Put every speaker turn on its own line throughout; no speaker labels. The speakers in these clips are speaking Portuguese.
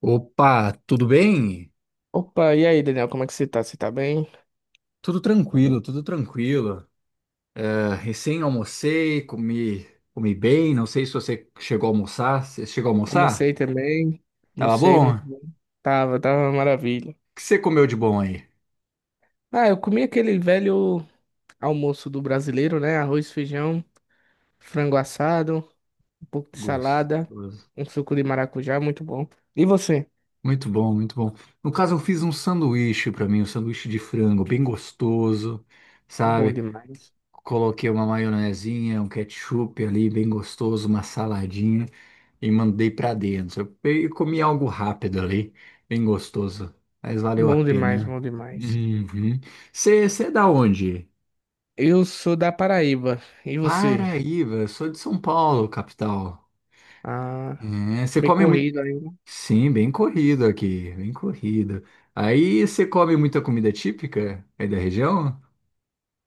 Opa, tudo bem?
Opa, e aí, Daniel, como é que você tá? Você tá bem?
Tudo tranquilo, tudo tranquilo. Ah, recém almocei, comi bem. Não sei se você chegou a almoçar. Você chegou a almoçar?
Almocei também.
Tava
Almocei
bom? O
muito bem. Tava uma maravilha.
que você comeu de bom aí?
Ah, eu comi aquele velho almoço do brasileiro, né? Arroz, feijão, frango assado, um pouco de salada,
Gostoso.
um suco de maracujá, muito bom. E você?
Muito bom, muito bom. No caso, eu fiz um sanduíche pra mim, um sanduíche de frango, bem gostoso,
Bom
sabe?
demais.
Coloquei uma maionezinha, um ketchup ali, bem gostoso, uma saladinha, e mandei para dentro. Eu comi algo rápido ali, bem gostoso, mas valeu a
Bom demais,
pena.
bom demais.
Uhum. Você é da onde?
Eu sou da Paraíba. E você?
Paraíba, eu sou de São Paulo, capital.
Ah,
É, você
bem
come muito.
corrido ainda.
Sim, bem corrido aqui, bem corrido. Aí você come muita comida típica aí da região?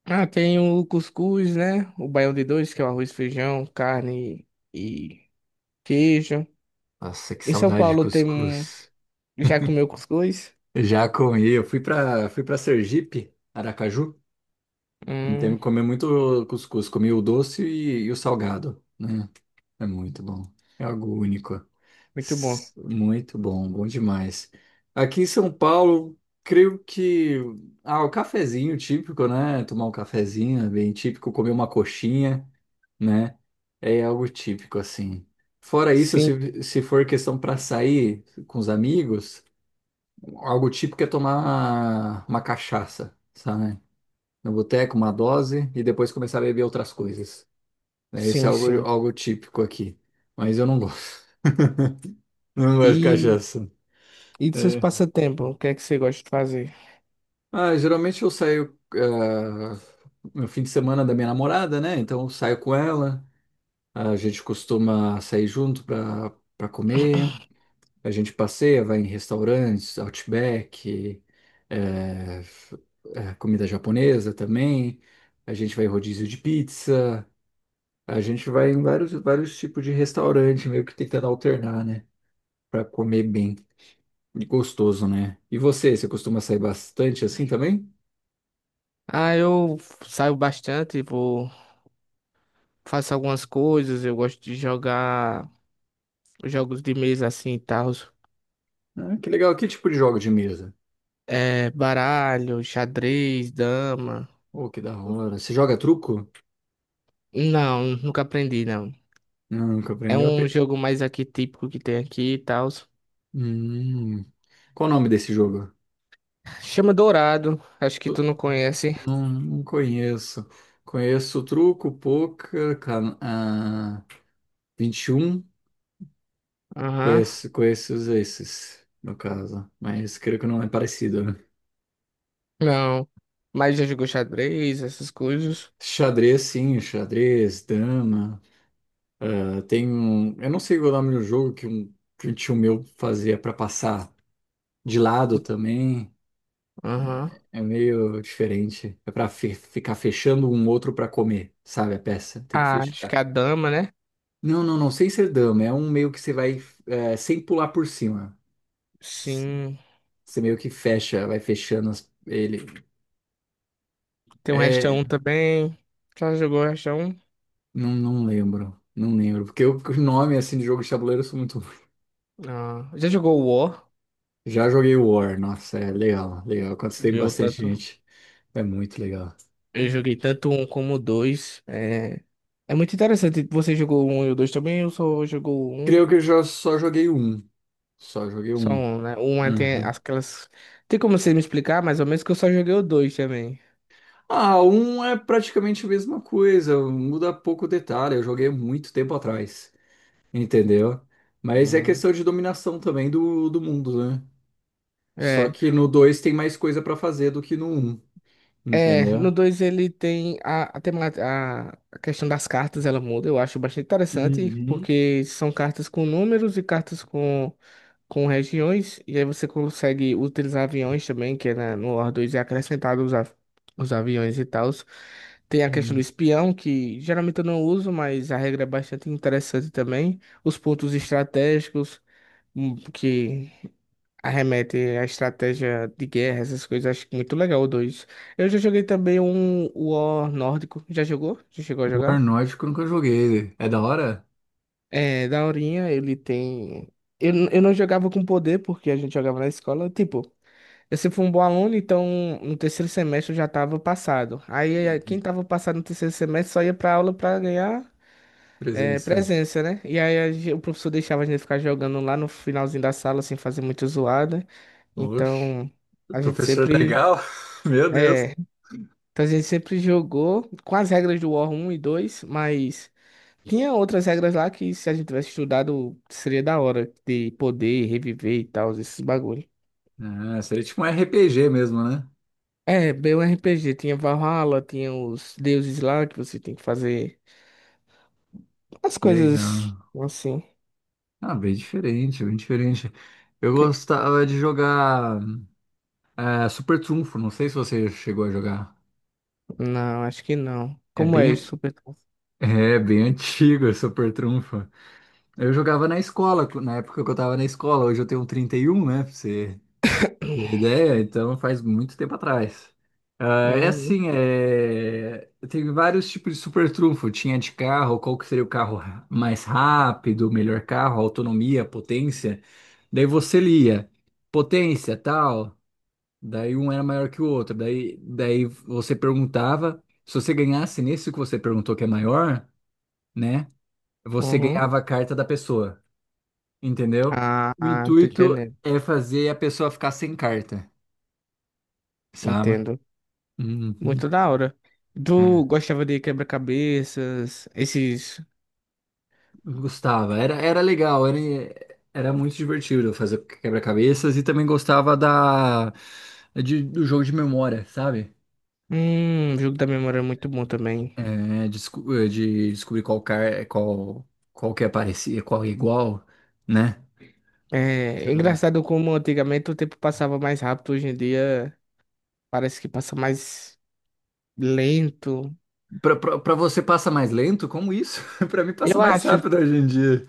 Ah, tem o cuscuz, né? O baião de dois, que é o arroz, feijão, carne e queijo.
Nossa, que
Em São
saudade de
Paulo tem um.
cuscuz.
Já comeu cuscuz?
Já comi, eu fui para Sergipe, Aracaju. Não teve
Hum,
que comer muito cuscuz, comi o doce e o salgado, né? É muito bom. É algo único.
muito bom.
Muito bom, bom demais. Aqui em São Paulo, creio que o cafezinho típico, né? Tomar um cafezinho é bem típico, comer uma coxinha, né? É algo típico assim. Fora isso,
Sim,
se for questão para sair com os amigos, algo típico é tomar uma cachaça, sabe? No boteco, uma dose e depois começar a beber outras coisas, né? Isso é
sim,
algo,
sim.
algo típico aqui, mas eu não gosto. Não gosto de
E,
cachaça.
e dos seus
É.
passatempos, o que é que você gosta de fazer?
Ah, geralmente eu saio no fim de semana da minha namorada, né? Então eu saio com ela, a gente costuma sair junto pra comer, a gente passeia, vai em restaurantes, Outback, é, f- comida japonesa também, a gente vai em rodízio de pizza, a gente vai em vários tipos de restaurante, meio que tentando alternar, né? Pra comer bem e gostoso, né? E você costuma sair bastante assim também?
Ah, eu saio bastante, vou, faço algumas coisas, eu gosto de jogar jogos de mesa assim e tal.
Ah, que legal. Que tipo de jogo de mesa?
É, baralho, xadrez, dama.
Oh, que da hora. Você joga truco?
Não, nunca aprendi, não.
Não, nunca
É
aprendeu a
um
pe...
jogo mais aqui típico que tem aqui e tal.
Hum. Qual o nome desse jogo?
Chama Dourado, acho que
Eu
tu não conhece.
Não, não conheço. Conheço truco, poker, 21.
Aham.
Conheço esses, no caso. Mas creio que não é parecido, né?
Não. Mas já jogou xadrez, essas coisas.
Xadrez, sim. Xadrez, dama. Ah, tem um... Eu não sei o nome do jogo que um tio meu fazia para passar de lado
O-
também.
Aham.
É meio diferente. É pra ficar fechando um outro pra comer, sabe? A peça. Tem que
Ah, acho que
fechar.
a dama, né?
Não, não, não. Sem ser dama. É um meio que você
Sim.
vai sem pular por cima. S-
Sim.
Você meio que fecha, vai fechando ele.
Tem um Resta
É.
um também. Já jogou o Resta um?
Não, não lembro. Não lembro. Porque o nome assim de jogo de tabuleiro eu sou muito ruim.
Ah, já jogou o War?
Já joguei War. Nossa, é legal, legal. Quando você tem
Joguei o
bastante
tanto.
gente, é muito legal.
Eu joguei tanto um como o dois. É, é muito interessante. Você jogou o um e o dois também? Eu só jogou o um.
Creio que eu já só joguei um. Só joguei
Só
um.
um, né? Tem
Uhum.
aquelas. Tem como você me explicar mais ou menos? Que eu só joguei o dois também.
Ah, um é praticamente a mesma coisa, muda pouco detalhe. Eu joguei muito tempo atrás, entendeu? Mas é
Hum.
questão de dominação também do mundo, né? Só
É.
que no 2 tem mais coisa pra fazer do que no um,
É, no
entendeu?
2 ele tem a, tema- a questão das cartas, ela muda, eu acho bastante interessante,
Uhum.
porque são cartas com números e cartas com regiões, e aí você consegue utilizar aviões também, que é no War dois é acrescentado os aviões e tal. Tem a questão do
Uhum.
espião, que geralmente eu não uso, mas a regra é bastante interessante também. Os pontos estratégicos, que arremete à estratégia de guerra, essas coisas, acho que muito legal o dois. Eu já joguei também um War nórdico. Já jogou? Já chegou a
War
jogar?
Nórdico eu nunca joguei. É da hora?
É, daorinha, ele tem. Eu não jogava com poder, porque a gente jogava na escola. Tipo, eu sempre fui um bom aluno, então no terceiro semestre eu já tava passado. Aí quem
Uhum.
tava passado no terceiro semestre só ia pra aula pra ganhar
Presença.
presença, né? E aí o professor deixava a gente ficar jogando lá no finalzinho da sala, sem fazer muita zoada.
Oxe,
Então a gente
professor
sempre.
legal. Meu Deus.
É, então a gente sempre jogou com as regras do War 1 e 2, mas tinha outras regras lá que, se a gente tivesse estudado, seria da hora de poder reviver e tal, esses bagulho.
Ah, seria tipo um RPG mesmo, né?
É, bem um RPG, tinha Valhalla, tinha os deuses lá que você tem que fazer as
Que
coisas
legal.
assim.
Ah, bem diferente, bem diferente. Eu
Que-
gostava de jogar Super Trunfo, não sei se você chegou a jogar.
Não, acho que não.
É
Como é isso,
bem,
super?
é bem antigo esse Super Trunfo. Eu jogava na escola, na época que eu tava na escola, hoje eu tenho 31, né? pra você tem ideia? Então faz muito tempo atrás. Ah, é
Uhum,
assim, tem vários tipos de super trunfo. Tinha de carro, qual que seria o carro mais rápido, melhor carro, autonomia, potência. Daí você lia, potência, tal. Daí um era maior que o outro. Daí você perguntava, se você ganhasse nesse que você perguntou que é maior, né? Você
uhum.
ganhava a carta da pessoa, entendeu?
Ah,
O
ah, tô
intuito
entendendo.
é fazer a pessoa ficar sem carta, sabe?
Entendo.
Uhum.
Muito da hora.
É.
Tu gostava de quebra-cabeças, esses?
Eu gostava, era legal, era muito divertido fazer quebra-cabeças e também gostava do jogo de memória, sabe?
O jogo da memória é muito bom também.
É, de descobrir qual que aparecia, qual é igual, né?
É, é
Ah.
engraçado como antigamente o tempo passava mais rápido, hoje em dia parece que passa mais lento.
Pra você passa mais lento, como isso? Pra mim passa
Eu
mais
acho,
rápido hoje em dia.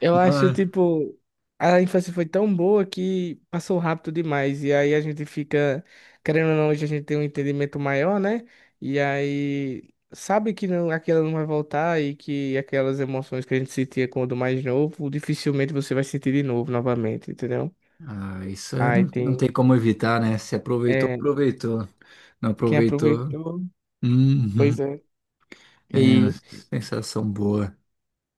eu acho,
Ah,
tipo, a infância foi tão boa que passou rápido demais. E aí a gente fica, querendo ou não, hoje a gente tem um entendimento maior, né? E aí sabe que não, aquela não vai voltar, e que aquelas emoções que a gente sentia quando mais novo, dificilmente você vai sentir de novo, novamente, entendeu?
ah, isso
Aí
não, não tem
tem.
como evitar, né? Se aproveitou,
é,
aproveitou. Não
Quem
aproveitou.
aproveitou, pois
Uhum.
é.
É,
E,
sensação boa.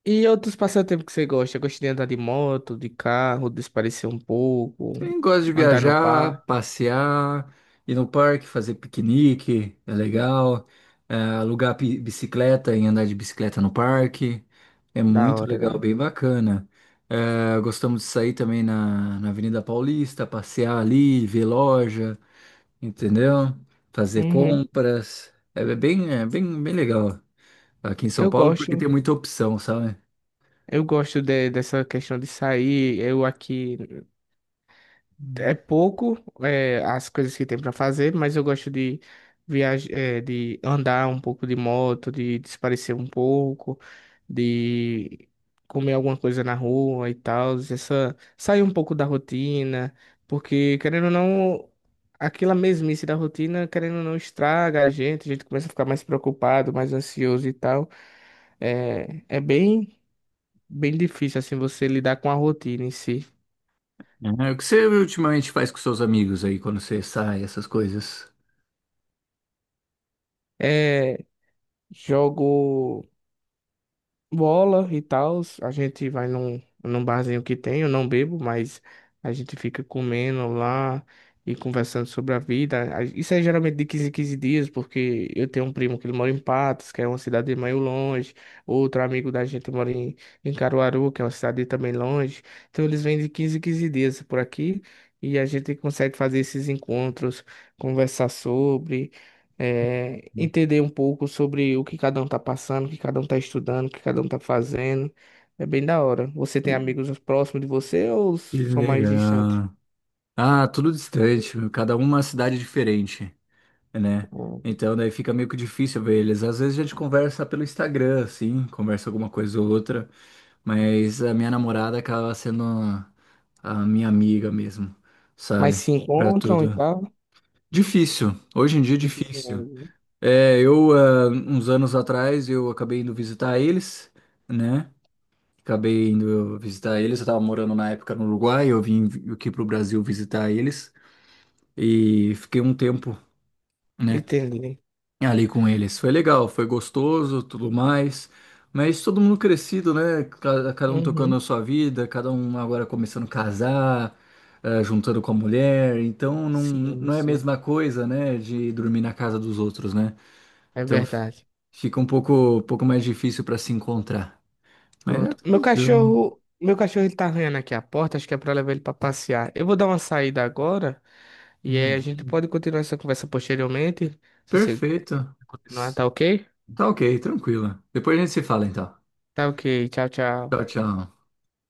e outros passatempos que você gosta? Gosta de andar de moto, de carro, desaparecer um pouco,
Quem gosta de
andar no par,
viajar, passear, ir no parque, fazer piquenique, é legal. É, alugar bicicleta e andar de bicicleta no parque, é
da
muito
hora,
legal,
né?
bem bacana. É, gostamos de sair também na Avenida Paulista, passear ali, ver loja, entendeu? Fazer
Uhum.
compras. É bem, bem legal aqui em São
Eu
Paulo porque
gosto,
tem muita opção, sabe?
eu gosto de- dessa questão de sair. Eu aqui. É pouco, é, as coisas que tem pra fazer, mas eu gosto de viajar, de andar um pouco de moto, de desaparecer um pouco, de comer alguma coisa na rua e tal, essa sair um pouco da rotina, porque, querendo ou não, aquela mesmice da rotina, querendo ou não, estraga a gente começa a ficar mais preocupado, mais ansioso e tal. É bem difícil assim você lidar com a rotina em si.
É, o que você ultimamente faz com seus amigos aí quando você sai, essas coisas?
É, jogo bola e tal. A gente vai num barzinho que tem, eu não bebo, mas a gente fica comendo lá e conversando sobre a vida. Isso é geralmente de 15 em quinze dias, porque eu tenho um primo que ele mora em Patos, que é uma cidade meio longe. Outro amigo da gente mora em Caruaru, que é uma cidade também longe. Então eles vêm de 15 em quinze dias por aqui. E a gente consegue fazer esses encontros, conversar sobre entender um pouco sobre o que cada um tá passando, o que cada um tá estudando, o que cada um tá fazendo. É bem da hora. Você tem amigos próximos de você ou
Que
são mais distantes?
legal. Ah, tudo distante, meu, cada um uma cidade diferente, né?
Ou-
Então daí fica meio que difícil ver eles. Às vezes a gente conversa pelo Instagram, assim, conversa alguma coisa ou outra, mas a minha namorada acaba sendo a minha amiga mesmo,
Mas
sabe?
se
Pra
encontram e
tudo.
tal?
Difícil, hoje em dia é difícil.
Dificilmente, né?
É, uns anos atrás, eu acabei indo visitar eles, né? Acabei indo visitar eles. Eu estava morando na época no Uruguai, eu vim aqui pro Brasil visitar eles e fiquei um tempo, né,
Entendi.
ali com eles. Foi legal, foi gostoso, tudo mais. Mas todo mundo crescido, né? Cada um tocando
Uhum.
a sua vida, cada um agora começando a casar, juntando com a mulher. Então não,
Sim,
não é a
sim.
mesma coisa, né, de dormir na casa dos outros, né?
É
Então
verdade.
fica um pouco mais difícil para se encontrar. Mas é
Pronto. Meu
tranquilo.
cachorro, meu cachorro ele tá arranhando aqui a porta, acho que é pra levar ele pra passear. Eu vou dar uma saída agora e aí a gente
Uhum.
pode continuar essa conversa posteriormente. Se você
Perfeito.
continuar, tá ok?
Tá ok, tranquilo. Depois a gente se fala então.
Tá ok. Tchau,
Tchau,
tchau.
tchau.